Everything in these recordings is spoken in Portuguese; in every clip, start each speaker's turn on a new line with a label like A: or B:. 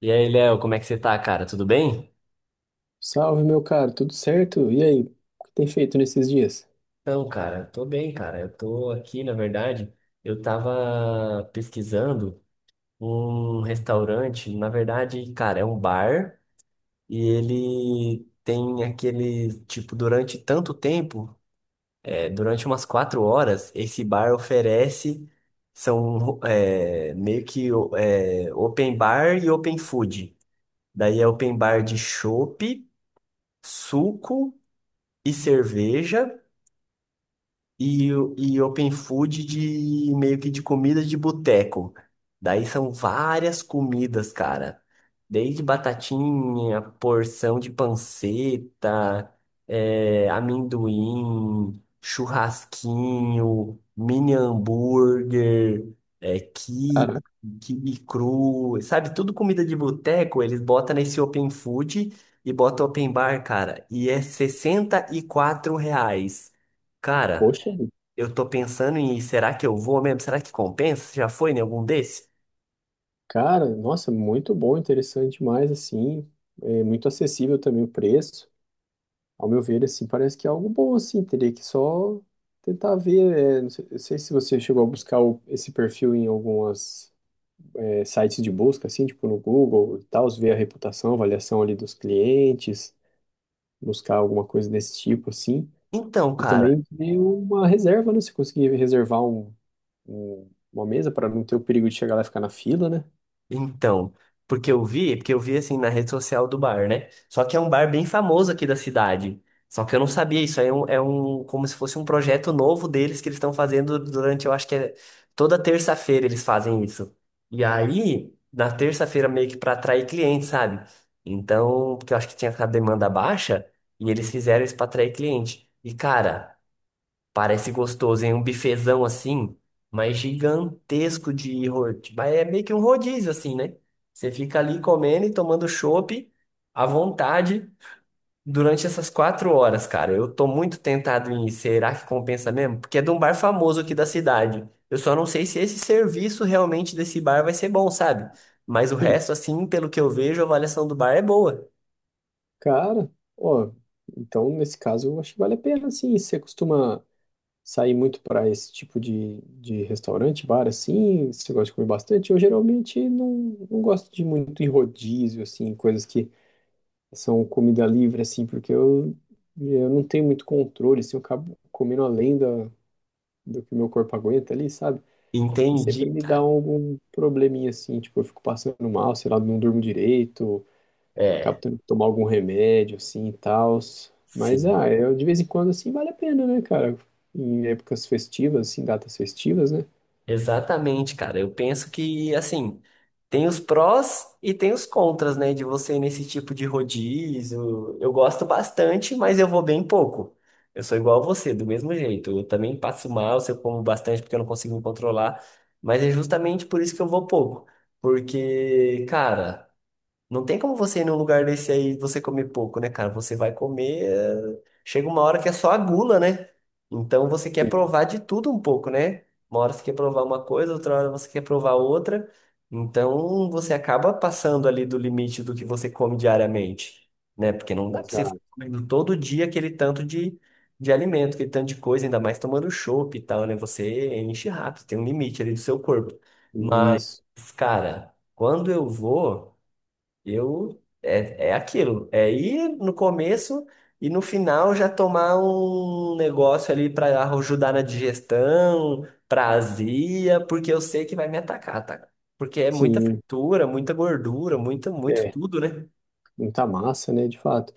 A: E aí, Léo, como é que você tá, cara? Tudo bem?
B: Salve, meu caro, tudo certo? E aí, o que tem feito nesses dias?
A: Então, cara, tô bem, cara. Eu tô aqui, na verdade, eu tava pesquisando um restaurante, na verdade, cara, é um bar e ele tem aquele, tipo, durante tanto tempo, durante umas 4 horas, esse bar oferece, são meio que open bar e open food. Daí é open bar de chopp, suco e cerveja. E open food de meio que de comida de boteco. Daí são várias comidas, cara. Desde batatinha, porção de panceta, amendoim, churrasquinho, mini hambúrguer, é, quibe,
B: Cara,
A: quibe cru, sabe? Tudo comida de boteco, eles botam nesse open food e botam open bar, cara. E é 64 reais. Cara.
B: poxa,
A: Eu tô pensando em, será que eu vou mesmo? Será que compensa? Já foi em algum desses?
B: cara, nossa, muito bom, interessante demais, assim, é muito acessível também o preço. Ao meu ver, assim, parece que é algo bom, assim, teria que só tentar ver, não sei se você chegou a buscar esse perfil em algumas sites de busca, assim, tipo no Google e tal, ver a reputação, avaliação ali dos clientes, buscar alguma coisa desse tipo, assim.
A: Então,
B: E
A: cara,
B: também ver uma reserva, né? Se conseguir reservar uma mesa para não ter o perigo de chegar lá e ficar na fila, né?
A: então, porque eu vi assim na rede social do bar, né? Só que é um bar bem famoso aqui da cidade. Só que eu não sabia, isso aí como se fosse um projeto novo deles que eles estão fazendo durante, eu acho que é toda terça-feira eles fazem isso. E aí, na terça-feira meio que pra atrair clientes, sabe? Então, porque eu acho que tinha a demanda baixa e eles fizeram isso pra atrair cliente. E cara, parece gostoso, hein? Um bifezão assim, mas gigantesco de rodízio. Mas é meio que um rodízio, assim, né? Você fica ali comendo e tomando chopp à vontade durante essas 4 horas, cara. Eu tô muito tentado em ir. Será que compensa mesmo? Porque é de um bar famoso aqui da cidade. Eu só não sei se esse serviço realmente desse bar vai ser bom, sabe? Mas o
B: Sim,
A: resto, assim, pelo que eu vejo, a avaliação do bar é boa.
B: cara, ó, então nesse caso eu acho que vale a pena, sim. Você costuma sair muito para esse tipo de restaurante, bar, assim? Você gosta de comer bastante? Eu geralmente não, não gosto de muito em rodízio, assim, coisas que são comida livre, assim, porque eu não tenho muito controle, assim, eu acabo comendo além do que meu corpo aguenta ali, sabe? E sempre
A: Entendi,
B: me dá
A: cara.
B: algum probleminha assim, tipo, eu fico passando mal, sei lá, não durmo direito. Acabo
A: É.
B: tendo que tomar algum remédio, assim, e tal. Mas,
A: Sim.
B: ah, eu, de vez em quando, assim, vale a pena, né, cara? Em épocas festivas, assim, datas festivas, né?
A: Exatamente, cara. Eu penso que, assim, tem os prós e tem os contras, né, de você ir nesse tipo de rodízio. Eu gosto bastante, mas eu vou bem pouco. Eu sou igual a você, do mesmo jeito. Eu também passo mal se eu como bastante porque eu não consigo me controlar, mas é justamente por isso que eu vou pouco. Porque, cara. Não tem como você ir num lugar desse aí e você comer pouco, né, cara? Você vai comer. Chega uma hora que é só a gula, né? Então você quer
B: Sim,
A: provar de tudo um pouco, né? Uma hora você quer provar uma coisa, outra hora você quer provar outra. Então você acaba passando ali do limite do que você come diariamente, né? Porque não dá pra você ficar
B: exato.
A: comendo todo dia aquele tanto de alimento, aquele tanto de coisa, ainda mais tomando chopp e tal, né? Você enche rápido, tem um limite ali do seu corpo. Mas,
B: Isso.
A: cara, quando eu vou. É aquilo, é ir no começo e no final já tomar um negócio ali para ajudar na digestão, pra azia, porque eu sei que vai me atacar, tá? Porque é muita
B: Sim,
A: fritura, muita gordura, muito, muito
B: é.
A: tudo, né?
B: Muita massa, né, de fato.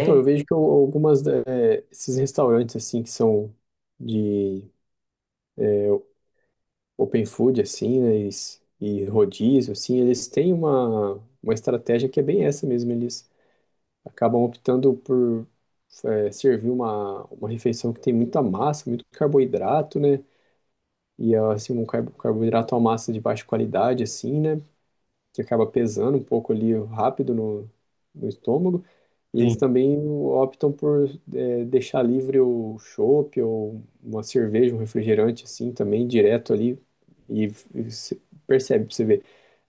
B: Então, eu vejo que algumas, esses restaurantes, assim, que são de é, open food, assim, né, e rodízio, assim, eles têm uma estratégia que é bem essa mesmo, eles acabam optando por servir uma refeição que tem muita massa, muito carboidrato, né? E assim, um carboidrato à massa de baixa qualidade, assim, né? Que acaba pesando um pouco ali rápido no estômago. E eles
A: sim.
B: também optam por deixar livre o chopp ou uma cerveja, um refrigerante assim também direto ali. E, e se- Percebe, você vê,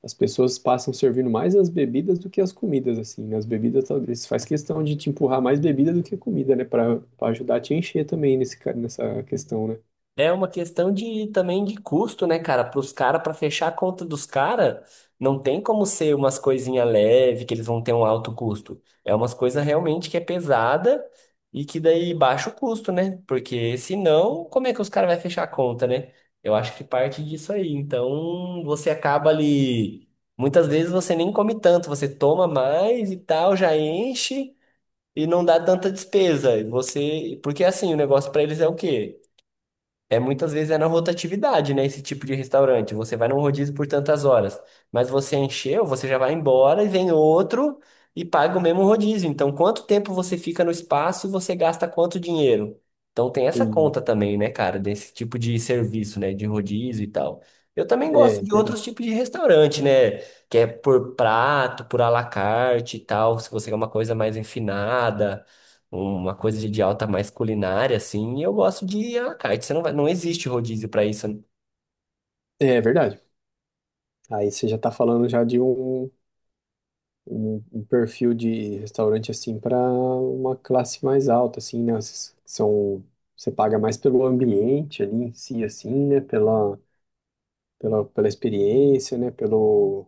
B: as pessoas passam servindo mais as bebidas do que as comidas assim. Nas bebidas talvez faz questão de te empurrar mais bebida do que comida, né, para para ajudar a te encher também nesse nessa questão, né?
A: É uma questão de também de custo, né, cara? Para os caras, para fechar a conta dos caras, não tem como ser umas coisinhas leve que eles vão ter um alto custo. É umas coisas realmente que é pesada e que daí baixa o custo, né? Porque senão, como é que os caras vão fechar a conta, né? Eu acho que parte disso aí. Então, você acaba ali. Muitas vezes você nem come tanto, você toma mais e tal, já enche e não dá tanta despesa. E você, porque assim, o negócio para eles é o quê? É muitas vezes é na rotatividade, né? Esse tipo de restaurante. Você vai num rodízio por tantas horas, mas você encheu, você já vai embora e vem outro e paga o mesmo rodízio. Então, quanto tempo você fica no espaço e você gasta quanto dinheiro? Então, tem essa
B: E,
A: conta também, né, cara, desse tipo de serviço, né, de rodízio e tal. Eu também
B: é,
A: gosto
B: é
A: de outros
B: verdade.
A: tipos de restaurante, né, que é por prato, por à la carte e tal, se você quer uma coisa mais enfinada uma coisa de alta mais culinária, assim, e eu gosto de à la carte. Você não vai, não existe rodízio para isso. Né?
B: É verdade. Aí você já tá falando já de um perfil de restaurante assim para uma classe mais alta, assim, né? Esses que são, você paga mais pelo ambiente ali em si, assim, né? Pela experiência, né? Pelo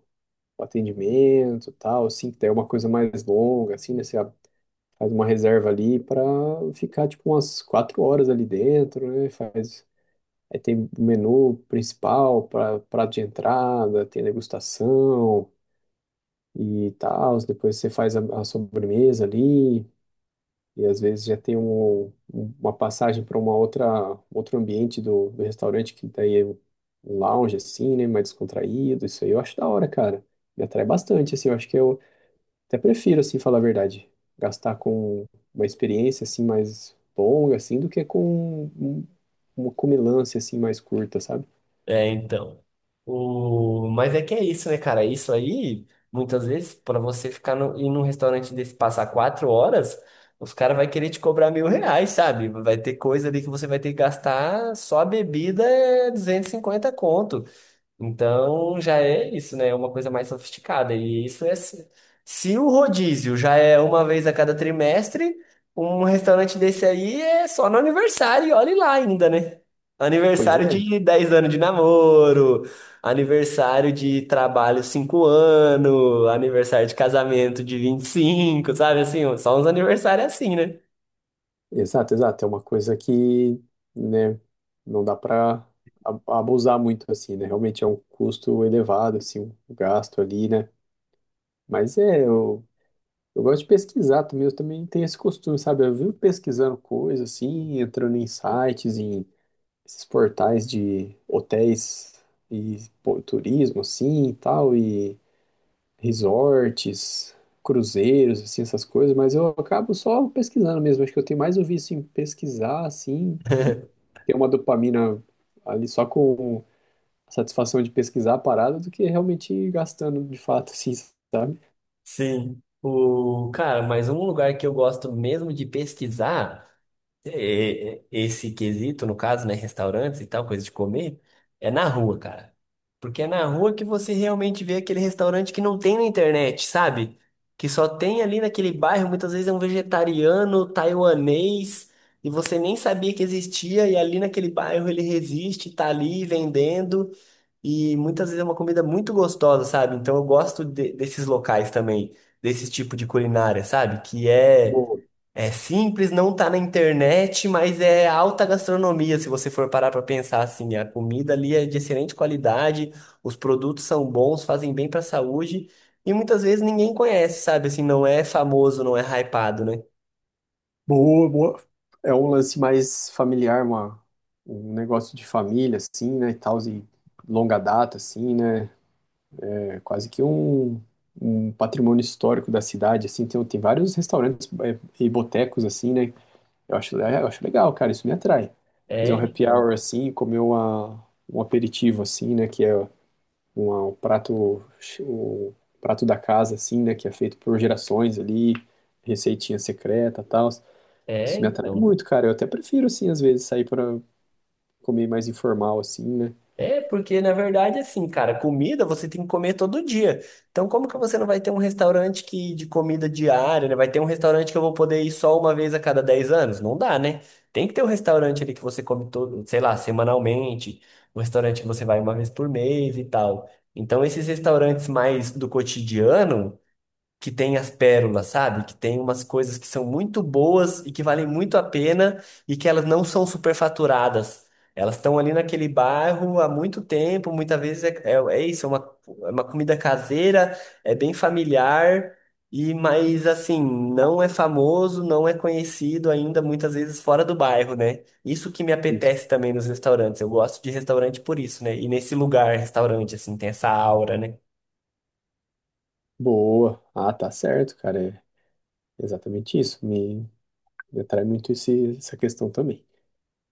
B: atendimento, e tal, assim, que daí é uma coisa mais longa, assim, né? Você faz uma reserva ali para ficar tipo umas 4 horas ali dentro, né? Faz Aí tem o menu principal, pra, prato de entrada, tem degustação, e tal. Depois você faz a sobremesa ali, e às vezes já tem uma passagem para uma outra outro ambiente do restaurante, que daí é um lounge assim, né, mais descontraído. Isso aí eu acho da hora, cara. Me atrai bastante, assim, eu acho que eu até prefiro, assim, falar a verdade, gastar com uma experiência, assim, mais longa, assim, do que com um, uma comilança, assim, mais curta, sabe?
A: É, então. O, mas é que é isso, né, cara? Isso aí, muitas vezes, para você ficar no, ir num restaurante desse passar 4 horas, os caras vão querer te cobrar 1.000 reais, sabe? Vai ter coisa ali que você vai ter que gastar só a bebida é 250 conto. Então já é isso, né? É uma coisa mais sofisticada. E isso é. Se o rodízio já é uma vez a cada trimestre, um restaurante desse aí é só no aniversário, e olhe lá ainda, né?
B: Pois
A: Aniversário
B: é,
A: de 10 anos de namoro, aniversário de trabalho 5 anos, aniversário de casamento de 25, sabe, assim? Só uns aniversários é assim, né?
B: exato, exato. É uma coisa que, né, não dá para abusar muito assim, né? Realmente é um custo elevado, assim, um gasto ali, né? Mas é, eu gosto de pesquisar também, eu também tenho esse costume, sabe? Eu vivo pesquisando coisas assim, entrando em sites, em esses portais de hotéis e pô, turismo, assim, e tal, e resorts, cruzeiros, assim, essas coisas, mas eu acabo só pesquisando mesmo. Acho que eu tenho mais o vício em pesquisar, assim, e ter uma dopamina ali só com a satisfação de pesquisar a parada do que realmente gastando de fato, assim, sabe?
A: Sim. O, cara, mas um lugar que eu gosto mesmo de pesquisar. Esse quesito, no caso, né, restaurantes e tal, coisa de comer, é na rua, cara. Porque é na rua que você realmente vê aquele restaurante que não tem na internet, sabe? Que só tem ali naquele bairro, muitas vezes é um vegetariano, taiwanês, e você nem sabia que existia, e ali naquele bairro ele resiste, tá ali vendendo, e muitas vezes é uma comida muito gostosa, sabe? Então eu gosto desses locais também, desse tipo de culinária, sabe? Que é
B: Boa,
A: é simples, não tá na internet, mas é alta gastronomia, se você for parar para pensar assim. A comida ali é de excelente qualidade, os produtos são bons, fazem bem para a saúde, e muitas vezes ninguém conhece, sabe? Assim, não é famoso, não é hypado, né?
B: boa, boa. É um lance mais familiar, um negócio de família, assim, né, e tal, e longa data, assim, né? É quase que um patrimônio histórico da cidade, assim, tem vários restaurantes e botecos, assim, né? Eu acho legal, cara, isso me atrai. Fazer
A: É,
B: um happy
A: então.
B: hour, assim, e comer um aperitivo, assim, né? Que é um prato, o prato da casa, assim, né? Que é feito por gerações ali, receitinha secreta e tal.
A: É,
B: Isso me atrai
A: então.
B: muito, cara. Eu até prefiro, assim, às vezes, sair para comer mais informal, assim, né?
A: É, porque na verdade, assim, cara, comida você tem que comer todo dia. Então, como que você não vai ter um restaurante que de comida diária, né? Vai ter um restaurante que eu vou poder ir só uma vez a cada 10 anos? Não dá, né? Tem que ter um restaurante ali que você come todo, sei lá, semanalmente, um restaurante que você vai uma vez por mês e tal. Então, esses restaurantes mais do cotidiano que tem as pérolas, sabe? Que tem umas coisas que são muito boas e que valem muito a pena e que elas não são superfaturadas. Elas estão ali naquele bairro há muito tempo, muitas vezes é isso, é uma comida caseira, é bem familiar, e mas assim, não é famoso, não é conhecido ainda, muitas vezes fora do bairro, né? Isso que me
B: Isso.
A: apetece também nos restaurantes. Eu gosto de restaurante por isso, né? E nesse lugar, restaurante, assim, tem essa aura, né?
B: Boa. Ah, tá certo, cara. É exatamente isso. Ele atrai muito esse, essa questão também.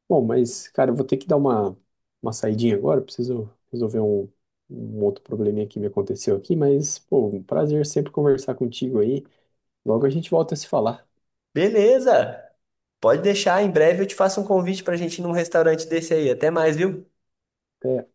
B: Bom, mas, cara, eu vou ter que dar uma saidinha agora. Eu preciso resolver um outro probleminha que me aconteceu aqui. Mas, pô, um prazer sempre conversar contigo aí. Logo a gente volta a se falar.
A: Beleza! Pode deixar, em breve eu te faço um convite pra gente ir num restaurante desse aí. Até mais, viu?
B: Até